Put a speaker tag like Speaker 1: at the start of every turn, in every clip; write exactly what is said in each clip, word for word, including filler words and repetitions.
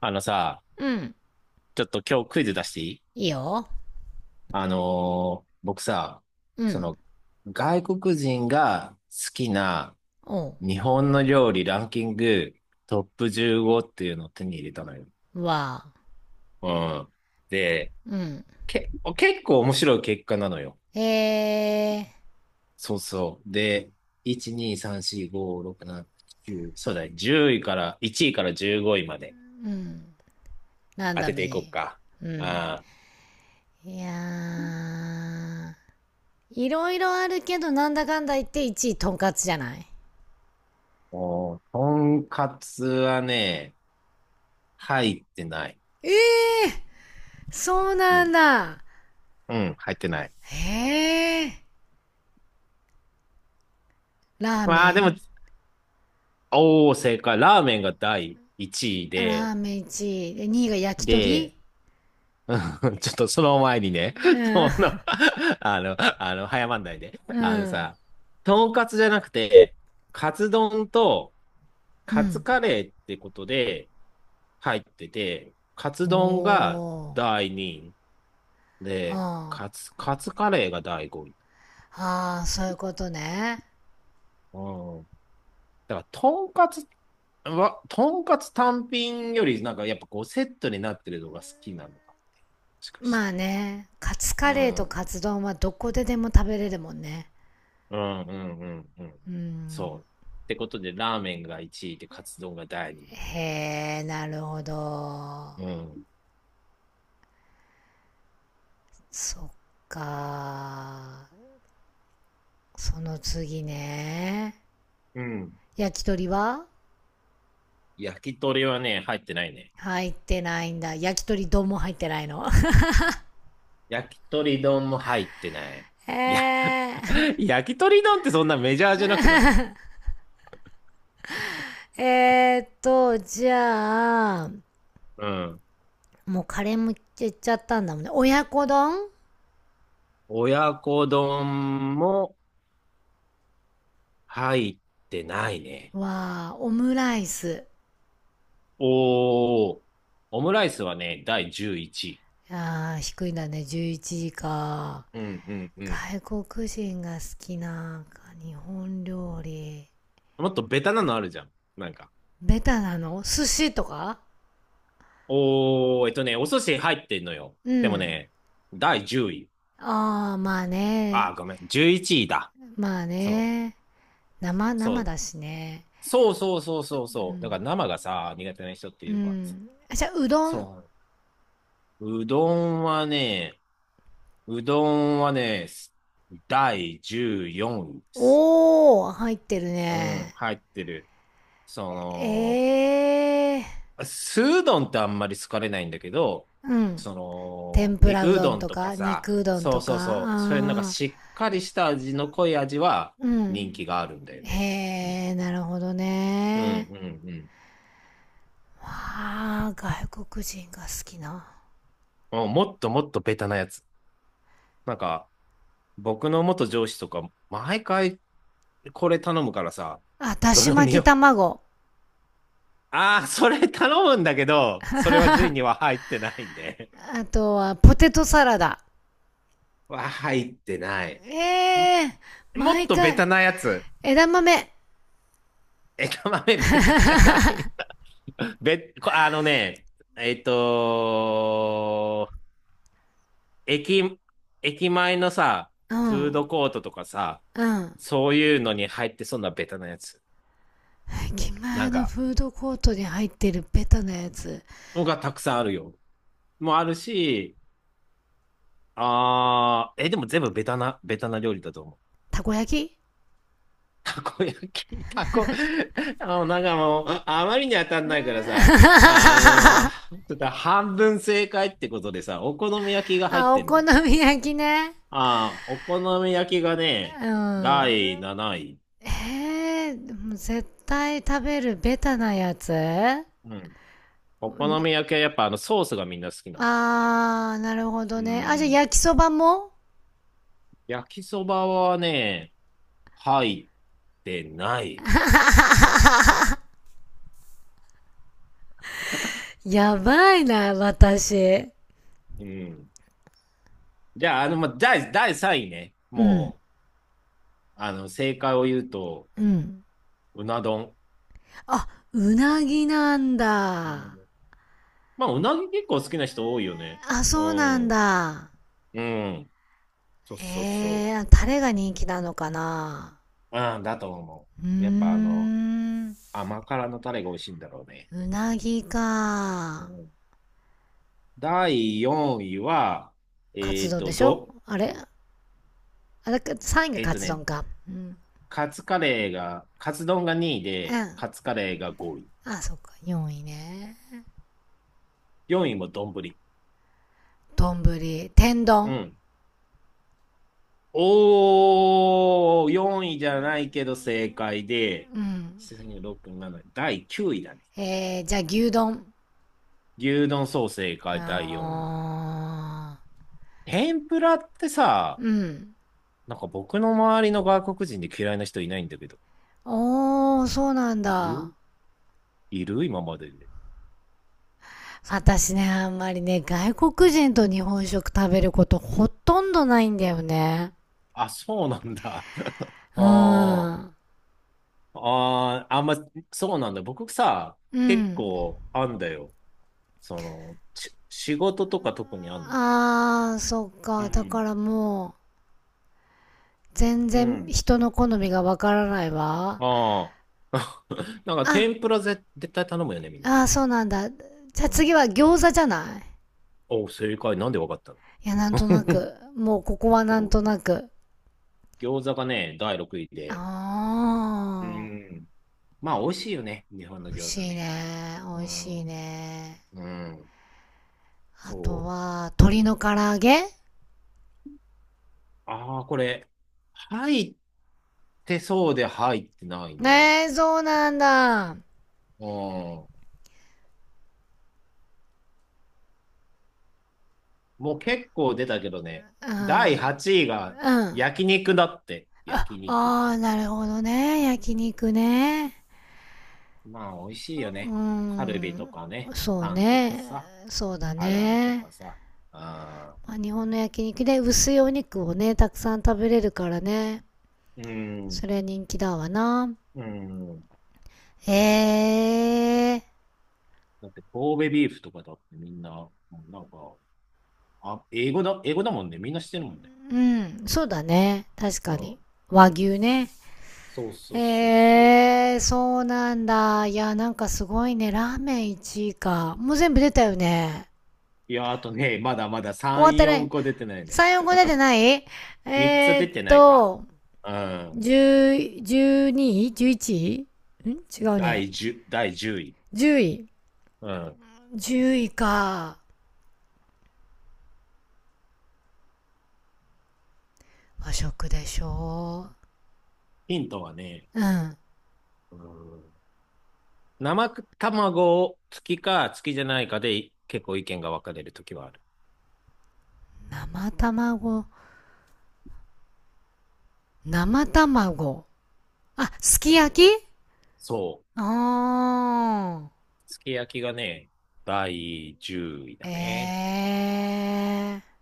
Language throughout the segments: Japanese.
Speaker 1: あのさ、
Speaker 2: うん。
Speaker 1: ちょっと今日クイズ出していい？
Speaker 2: いいよ。
Speaker 1: あのー僕さ、
Speaker 2: う
Speaker 1: そ
Speaker 2: ん。
Speaker 1: の、外国人が好きな
Speaker 2: お
Speaker 1: 日本の料理ランキングトップじゅうごっていうのを手に入れたのよ。
Speaker 2: う。わあ。
Speaker 1: うん。で、
Speaker 2: うん。
Speaker 1: け、結構面白い結果なのよ。
Speaker 2: えー、
Speaker 1: そうそう。で、いち、に、さん、よん、ご、ろく、なな、きゅう、そうだね。じゅういから、いちいからじゅうごいまで
Speaker 2: ラン
Speaker 1: 当
Speaker 2: ダ
Speaker 1: て
Speaker 2: ム
Speaker 1: ていこう
Speaker 2: に。
Speaker 1: か。
Speaker 2: うん。
Speaker 1: ああ。
Speaker 2: いやー、いろいろあるけど、なんだかんだ言っていちいとんかつじゃない？
Speaker 1: もう、とんかつはね、入ってない。
Speaker 2: そう
Speaker 1: う
Speaker 2: なん
Speaker 1: ん。
Speaker 2: だ。
Speaker 1: うん、入ってない。
Speaker 2: へえ。ラー
Speaker 1: まあ、
Speaker 2: メ
Speaker 1: でも、
Speaker 2: ン。
Speaker 1: おー、正解。ラーメンがだいいちい
Speaker 2: ラ
Speaker 1: で、
Speaker 2: ーメンいちい。で、にいが焼き
Speaker 1: で、
Speaker 2: 鳥？
Speaker 1: うん、ちょっとその前にね、
Speaker 2: うん。
Speaker 1: その、あの、あの、早まんないで。
Speaker 2: う
Speaker 1: あの
Speaker 2: ん。
Speaker 1: さ、とんかつじゃなくて、カツ丼と
Speaker 2: う
Speaker 1: カツ
Speaker 2: ん。
Speaker 1: カレーってことで入ってて、カツ
Speaker 2: お
Speaker 1: 丼が
Speaker 2: ー。
Speaker 1: だいにいで、カツ、カツカレーがだいごい。
Speaker 2: ああ、そういうことね。
Speaker 1: うん、だから、とんかつは、とんかつ単品より、なんかやっぱこうセットになってるのが好きなのか、もしかして。
Speaker 2: まあね、カツ
Speaker 1: う
Speaker 2: カレーと
Speaker 1: ん。
Speaker 2: カツ丼はどこででも食べれるもんね。
Speaker 1: うんうんうんうん。
Speaker 2: う
Speaker 1: そ
Speaker 2: ん。
Speaker 1: う。ってことで、ラーメンがいちいで、カツ丼が第二位。
Speaker 2: へえ、なるほど。
Speaker 1: うん。
Speaker 2: そっか。その次ね。
Speaker 1: うん。
Speaker 2: 焼き鳥は
Speaker 1: 焼き鳥はね、入ってないね。
Speaker 2: 入ってないんだ。焼き鳥丼も入ってないの？
Speaker 1: 焼き鳥丼も入ってない。いや、
Speaker 2: ええ。
Speaker 1: 焼き鳥丼ってそんなメジャーじゃなくない？
Speaker 2: えーっと、じゃあ、
Speaker 1: うん。
Speaker 2: もうカレーもいっちゃったんだもんね。親子丼
Speaker 1: 親子丼も入ってないね。
Speaker 2: はオムライス。
Speaker 1: おー、オムライスはね、だいじゅういちい。ういち
Speaker 2: あー低いんだね。じゅういちじか。
Speaker 1: うんうんうん。
Speaker 2: 外国人が好きな日本料理。
Speaker 1: 位もっとベタなのあるじゃん。なんか。
Speaker 2: ベタなの寿司とか？
Speaker 1: おー、えっとね、お寿司入ってんのよ。
Speaker 2: う
Speaker 1: でも
Speaker 2: ん。
Speaker 1: ね、だいじゅうい。
Speaker 2: ああ、まあ
Speaker 1: あ
Speaker 2: ね。
Speaker 1: ー、ごめん、じゅういちいだ。
Speaker 2: まあ
Speaker 1: そう、
Speaker 2: ね。生、
Speaker 1: そ
Speaker 2: 生
Speaker 1: う、
Speaker 2: だしね。
Speaker 1: そうそうそうそう
Speaker 2: う
Speaker 1: そう。だから
Speaker 2: ん。
Speaker 1: 生がさ、苦手な人ってい
Speaker 2: う
Speaker 1: るからさ。
Speaker 2: ん。あじゃあ、うどん。
Speaker 1: そう。うどんはね、うどんはね、すだいじゅうよんいです。
Speaker 2: おー、入ってる
Speaker 1: うん、
Speaker 2: ね。
Speaker 1: 入ってる。その、
Speaker 2: ええ
Speaker 1: 酢うどんってあんまり好かれないんだけど、
Speaker 2: ー。うん。
Speaker 1: その、
Speaker 2: 天ぷらう
Speaker 1: 肉う
Speaker 2: ど
Speaker 1: ど
Speaker 2: ん
Speaker 1: ん
Speaker 2: と
Speaker 1: とか
Speaker 2: か、
Speaker 1: さ、
Speaker 2: 肉うどん
Speaker 1: そ
Speaker 2: と
Speaker 1: うそう
Speaker 2: か。
Speaker 1: そう、そういうのが
Speaker 2: あ
Speaker 1: しっかりした味の濃い味は
Speaker 2: ーう
Speaker 1: 人
Speaker 2: ん。
Speaker 1: 気があるんだよ
Speaker 2: へ
Speaker 1: ね。うん
Speaker 2: え、なるほど
Speaker 1: うん
Speaker 2: ね。
Speaker 1: うん
Speaker 2: わあ、外国人が好きな。
Speaker 1: うん。もっともっとベタなやつ。なんか、僕の元上司とか、毎回これ頼むからさ、
Speaker 2: あ、だ
Speaker 1: ど
Speaker 2: し
Speaker 1: の
Speaker 2: 巻き
Speaker 1: 匂お、
Speaker 2: 卵。
Speaker 1: ああ、それ頼むんだけど、それは順位には入ってないんで。
Speaker 2: あとは、ポテトサラダ。
Speaker 1: は入ってない。
Speaker 2: ええ。
Speaker 1: ん、もっ
Speaker 2: 毎
Speaker 1: とベ
Speaker 2: 回、
Speaker 1: タなやつ。
Speaker 2: 枝豆。
Speaker 1: 枝豆ベタじゃない？べ、こあのね、えっと、駅、駅前のさ、
Speaker 2: う
Speaker 1: フード
Speaker 2: ん、
Speaker 1: コートとかさ、
Speaker 2: うん。
Speaker 1: そういうのに入ってそうなベタなやつ。
Speaker 2: 駅
Speaker 1: な
Speaker 2: 前
Speaker 1: ん
Speaker 2: の
Speaker 1: か、
Speaker 2: フードコートに入ってるベタなやつ。
Speaker 1: のがたくさんあるよ。もあるし、あー、え、でも全部ベタな、ベタな料理だと思う。
Speaker 2: たこ焼き？
Speaker 1: たこ焼き、たこ、あの、なんかもう、あまりに当たん
Speaker 2: うー
Speaker 1: ないからさ、あ
Speaker 2: ん。
Speaker 1: の、ちょっと半分正解ってことでさ、お好み焼き が入っ
Speaker 2: あ、お
Speaker 1: てんだ
Speaker 2: 好
Speaker 1: よね。
Speaker 2: み焼きね。
Speaker 1: ああ、お好み焼きがね、
Speaker 2: う
Speaker 1: 第
Speaker 2: ん。
Speaker 1: 7位。
Speaker 2: ええー。絶対食べるベタなやつ？
Speaker 1: うん。お好み焼きはやっぱあのソースがみんな好きなの。
Speaker 2: あー、なるほど
Speaker 1: うんう
Speaker 2: ね。あ、じゃあ
Speaker 1: ん。
Speaker 2: 焼きそばも？
Speaker 1: 焼きそばはね、入ってない。
Speaker 2: やばいな、私。
Speaker 1: うん。じゃあ、あの、ま、第、だいさんいね。
Speaker 2: うん。
Speaker 1: もう、あの、正解を言うと、
Speaker 2: うん。
Speaker 1: うな丼。
Speaker 2: あ、うなぎなん
Speaker 1: う
Speaker 2: だ。
Speaker 1: ん。まあ、うなぎ結構好きな人多いよね。
Speaker 2: あ、
Speaker 1: う
Speaker 2: そうなん
Speaker 1: ん。
Speaker 2: だ。
Speaker 1: うん。そうそうそ
Speaker 2: えー、タレが人気なのかな。
Speaker 1: う。うん、だと思
Speaker 2: うー
Speaker 1: う。やっぱあの、
Speaker 2: ん。
Speaker 1: 甘辛のタレが美味しいんだろうね。
Speaker 2: うなぎ
Speaker 1: う
Speaker 2: か。
Speaker 1: ん、だいよんいは、
Speaker 2: カ
Speaker 1: え
Speaker 2: ツ
Speaker 1: っ
Speaker 2: 丼で
Speaker 1: と、
Speaker 2: しょ？
Speaker 1: ど、
Speaker 2: あれ？あれ、さんいが
Speaker 1: えっ
Speaker 2: カ
Speaker 1: と
Speaker 2: ツ
Speaker 1: ね、
Speaker 2: 丼か。うん。
Speaker 1: カツカレーが、カツ丼がにい
Speaker 2: う
Speaker 1: で、
Speaker 2: ん。
Speaker 1: カツカレーがごい。
Speaker 2: あ、そっか。よんいね。
Speaker 1: よんいも丼。
Speaker 2: 丼。天
Speaker 1: う
Speaker 2: 丼。
Speaker 1: ん。おー、よんいじゃないけど正解で、
Speaker 2: うん。
Speaker 1: ろく、なな、だいきゅういだね。
Speaker 2: えー、じゃあ牛丼。
Speaker 1: 牛丼そう正解だいよんい。
Speaker 2: あ
Speaker 1: 天ぷらって
Speaker 2: ー
Speaker 1: さ、
Speaker 2: うん。
Speaker 1: なんか僕の周りの外国人で嫌いな人いないんだけど。
Speaker 2: おー、そうなん
Speaker 1: い
Speaker 2: だ。
Speaker 1: るいる今までで。
Speaker 2: 私ね、あんまりね、外国人と日本食食べることほとんどないんだよね。
Speaker 1: あ、そうなんだ。あ
Speaker 2: うー
Speaker 1: あ。
Speaker 2: ん。
Speaker 1: ああ、あんま、そうなんだ。僕さ、
Speaker 2: う
Speaker 1: 結
Speaker 2: ん。
Speaker 1: 構あんだよ。その、し仕事とか特にあんのね。
Speaker 2: あー、そっ
Speaker 1: う
Speaker 2: か。だか
Speaker 1: ん。
Speaker 2: らもう、全
Speaker 1: う
Speaker 2: 然
Speaker 1: ん。
Speaker 2: 人の好みがわからないわ。
Speaker 1: ああ。なんか
Speaker 2: あ、
Speaker 1: 天ぷらぜ絶対頼むよね、みんな
Speaker 2: あー、
Speaker 1: ね。
Speaker 2: そうなんだ。じゃあ
Speaker 1: うん。
Speaker 2: 次は餃子じゃない？
Speaker 1: お、正解。なんでわかったの？
Speaker 2: いや、なんとな く。もうここはなん
Speaker 1: そう。
Speaker 2: となく。
Speaker 1: 餃子がね、だいろくいで。う
Speaker 2: あ
Speaker 1: ん。まあ、美味しいよね。日本
Speaker 2: ー、
Speaker 1: の
Speaker 2: 美味
Speaker 1: 餃
Speaker 2: し
Speaker 1: 子
Speaker 2: い
Speaker 1: ね。
Speaker 2: ね。美
Speaker 1: う
Speaker 2: 味しい
Speaker 1: ん。
Speaker 2: ね。
Speaker 1: うん。
Speaker 2: あと
Speaker 1: そう。
Speaker 2: は、鶏の唐揚げ？
Speaker 1: ああ、これ、入ってそうで入ってないね。
Speaker 2: ねえ、そうなんだ。
Speaker 1: うん。もう結構出たけどね、
Speaker 2: う
Speaker 1: 第
Speaker 2: ん。
Speaker 1: 8位が
Speaker 2: うん。
Speaker 1: 焼肉だって。
Speaker 2: あ
Speaker 1: 焼肉。
Speaker 2: あ、なるほどね。焼肉ね。
Speaker 1: まあ、美味しいよ
Speaker 2: う
Speaker 1: ね。カルビ
Speaker 2: ん。
Speaker 1: とかね、
Speaker 2: そう
Speaker 1: タンとか
Speaker 2: ね。
Speaker 1: さ、
Speaker 2: そうだ
Speaker 1: アラメと
Speaker 2: ね。
Speaker 1: かさ。あ
Speaker 2: まあ、日本の焼肉で薄いお肉をね、たくさん食べれるからね。
Speaker 1: ー、うん、
Speaker 2: それ人気だわな。
Speaker 1: うん。
Speaker 2: ええ
Speaker 1: だって神戸ビーフとかだってみんな、もうなんか、あ、英語だ、英語だもんね。みんな知ってるもんね。
Speaker 2: ー。うん。そうだね。確
Speaker 1: う
Speaker 2: かに。
Speaker 1: ん。
Speaker 2: 和牛ね。
Speaker 1: そうそうそう
Speaker 2: え
Speaker 1: そう。
Speaker 2: えー、そうなんだ。いや、なんかすごいね。ラーメンいちいか。もう全部出たよね。
Speaker 1: いや、あとね、まだまだ
Speaker 2: 終わっ
Speaker 1: さん、
Speaker 2: た
Speaker 1: 4
Speaker 2: ね。
Speaker 1: 個出てないね。
Speaker 2: さん、よん、ご出てない。え
Speaker 1: みっつ
Speaker 2: ー、
Speaker 1: 出
Speaker 2: っ
Speaker 1: てないか。
Speaker 2: と、
Speaker 1: うん。
Speaker 2: じゅう、じゅうにい？ じゅういち 位。ん違うね。
Speaker 1: だいじゅう、だいじゅうい。
Speaker 2: じゅうい。
Speaker 1: うん。
Speaker 2: じゅういか。和食でしょ
Speaker 1: ヒントはね、
Speaker 2: う？うん。
Speaker 1: うん、生卵付きか付きじゃないかで結構意見が分かれるときはある。
Speaker 2: 生卵。生卵。あ、すき焼き？
Speaker 1: そう。
Speaker 2: あ
Speaker 1: すき焼きがね、だいじゅうい
Speaker 2: ー。
Speaker 1: だね。
Speaker 2: えー。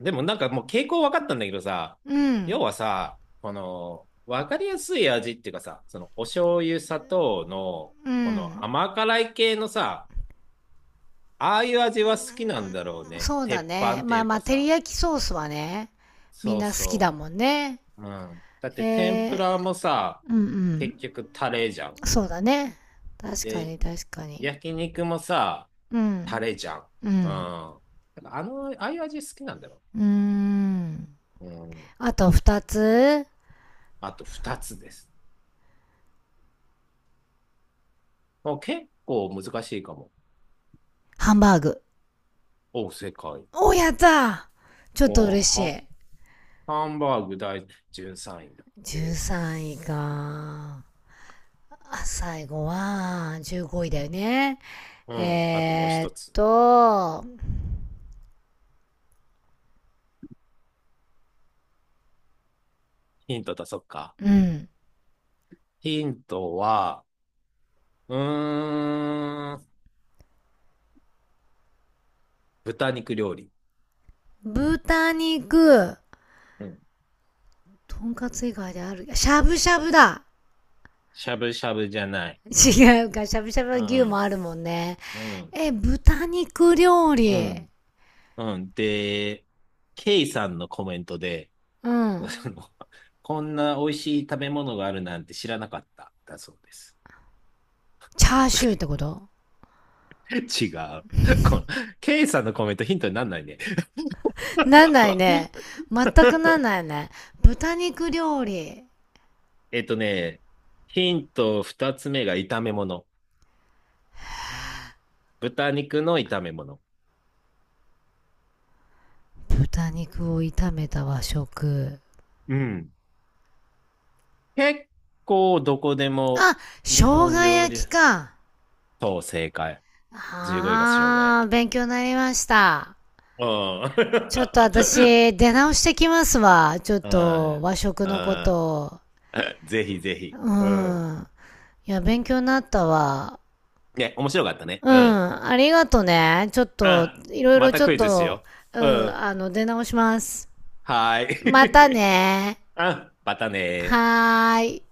Speaker 1: でもなんかもう傾向分かったんだけどさ、
Speaker 2: う
Speaker 1: 要
Speaker 2: ん。
Speaker 1: はさ、この、分かりやすい味っていうかさ、そのお醤油、砂糖の、
Speaker 2: う
Speaker 1: この
Speaker 2: ん。
Speaker 1: 甘辛い系のさ、ああいう味は好きなんだろうね。
Speaker 2: そうだ
Speaker 1: 鉄板
Speaker 2: ね。
Speaker 1: って
Speaker 2: ま
Speaker 1: い
Speaker 2: あ
Speaker 1: う
Speaker 2: ま
Speaker 1: か
Speaker 2: あ、照り
Speaker 1: さ。
Speaker 2: 焼きソースはね、みん
Speaker 1: そう
Speaker 2: な好きだ
Speaker 1: そ
Speaker 2: もんね。
Speaker 1: う、うん、だっ
Speaker 2: え
Speaker 1: て天ぷ
Speaker 2: ー、
Speaker 1: らもさ、
Speaker 2: うんうん。
Speaker 1: 結局タレじゃん。
Speaker 2: そうだね。確か
Speaker 1: で、
Speaker 2: に確かに。
Speaker 1: 焼肉もさ、
Speaker 2: う
Speaker 1: タ
Speaker 2: ん。
Speaker 1: レじゃん。
Speaker 2: う
Speaker 1: う
Speaker 2: ん。
Speaker 1: ん。だからあの、ああいう味好きなんだよ。
Speaker 2: うーん。
Speaker 1: うん。
Speaker 2: あとふたつ、
Speaker 1: あとふたつです。もう結構難しいかも。
Speaker 2: ハンバーグ。
Speaker 1: お、世界。
Speaker 2: お、やった。ちょっと
Speaker 1: もう
Speaker 2: 嬉し
Speaker 1: ハ、
Speaker 2: い。
Speaker 1: ハンバーグだいじゅうさんいだっ
Speaker 2: 13
Speaker 1: て。
Speaker 2: 位か。あ、最後は、じゅうごいだよね。
Speaker 1: うん。あともう
Speaker 2: えー、
Speaker 1: 一
Speaker 2: っ
Speaker 1: つ。
Speaker 2: と、
Speaker 1: ヒント出そっか。
Speaker 2: うん。
Speaker 1: ヒントは、うーん、豚肉料理。
Speaker 2: 豚肉、
Speaker 1: うん。
Speaker 2: とんかつ以外である。しゃぶしゃぶだ？
Speaker 1: しゃぶしゃぶじゃない。
Speaker 2: 違うか、しゃぶしゃぶ
Speaker 1: う
Speaker 2: の牛も
Speaker 1: ん。
Speaker 2: あるもんね。
Speaker 1: うん。
Speaker 2: え、豚肉料
Speaker 1: う
Speaker 2: 理。
Speaker 1: ん。うん。で、ケイさんのコメントで、
Speaker 2: う
Speaker 1: そ
Speaker 2: ん。
Speaker 1: の こんな美味しい食べ物があるなんて知らなかった、だそうです。
Speaker 2: チャーシューってこ と？
Speaker 1: 違う。この、ケイさんのコメントヒントになんないね。
Speaker 2: なんないね。全くなんないね。豚肉料理。
Speaker 1: えっとね、ヒント二つ目が炒め物。豚肉の炒め物。
Speaker 2: 豚肉を炒めた和食。
Speaker 1: うん。結構どこでも
Speaker 2: あ、生
Speaker 1: 日
Speaker 2: 姜
Speaker 1: 本料
Speaker 2: 焼
Speaker 1: 理。
Speaker 2: きか。
Speaker 1: そう、正解。じゅうごいが生姜焼
Speaker 2: あー、
Speaker 1: き。
Speaker 2: 勉強になりました。
Speaker 1: あ
Speaker 2: ちょっと
Speaker 1: あ。
Speaker 2: 私、出直してきますわ。ちょっ と、
Speaker 1: あ
Speaker 2: 和食のこ
Speaker 1: あ。
Speaker 2: と。
Speaker 1: あ ぜひぜひ。
Speaker 2: う
Speaker 1: うん。
Speaker 2: ん。いや、勉強になったわ。
Speaker 1: ね、面白かったね。
Speaker 2: うん、
Speaker 1: うん。
Speaker 2: ありがとね。ちょっ
Speaker 1: う
Speaker 2: と、
Speaker 1: ん。
Speaker 2: いろい
Speaker 1: ま
Speaker 2: ろ
Speaker 1: た
Speaker 2: ちょ
Speaker 1: ク
Speaker 2: っ
Speaker 1: イズし
Speaker 2: と、
Speaker 1: よ
Speaker 2: う
Speaker 1: う、う
Speaker 2: ん、
Speaker 1: ん。
Speaker 2: あの、出直します。
Speaker 1: はー
Speaker 2: また
Speaker 1: い。
Speaker 2: ね。
Speaker 1: うん。またねー。
Speaker 2: はーい。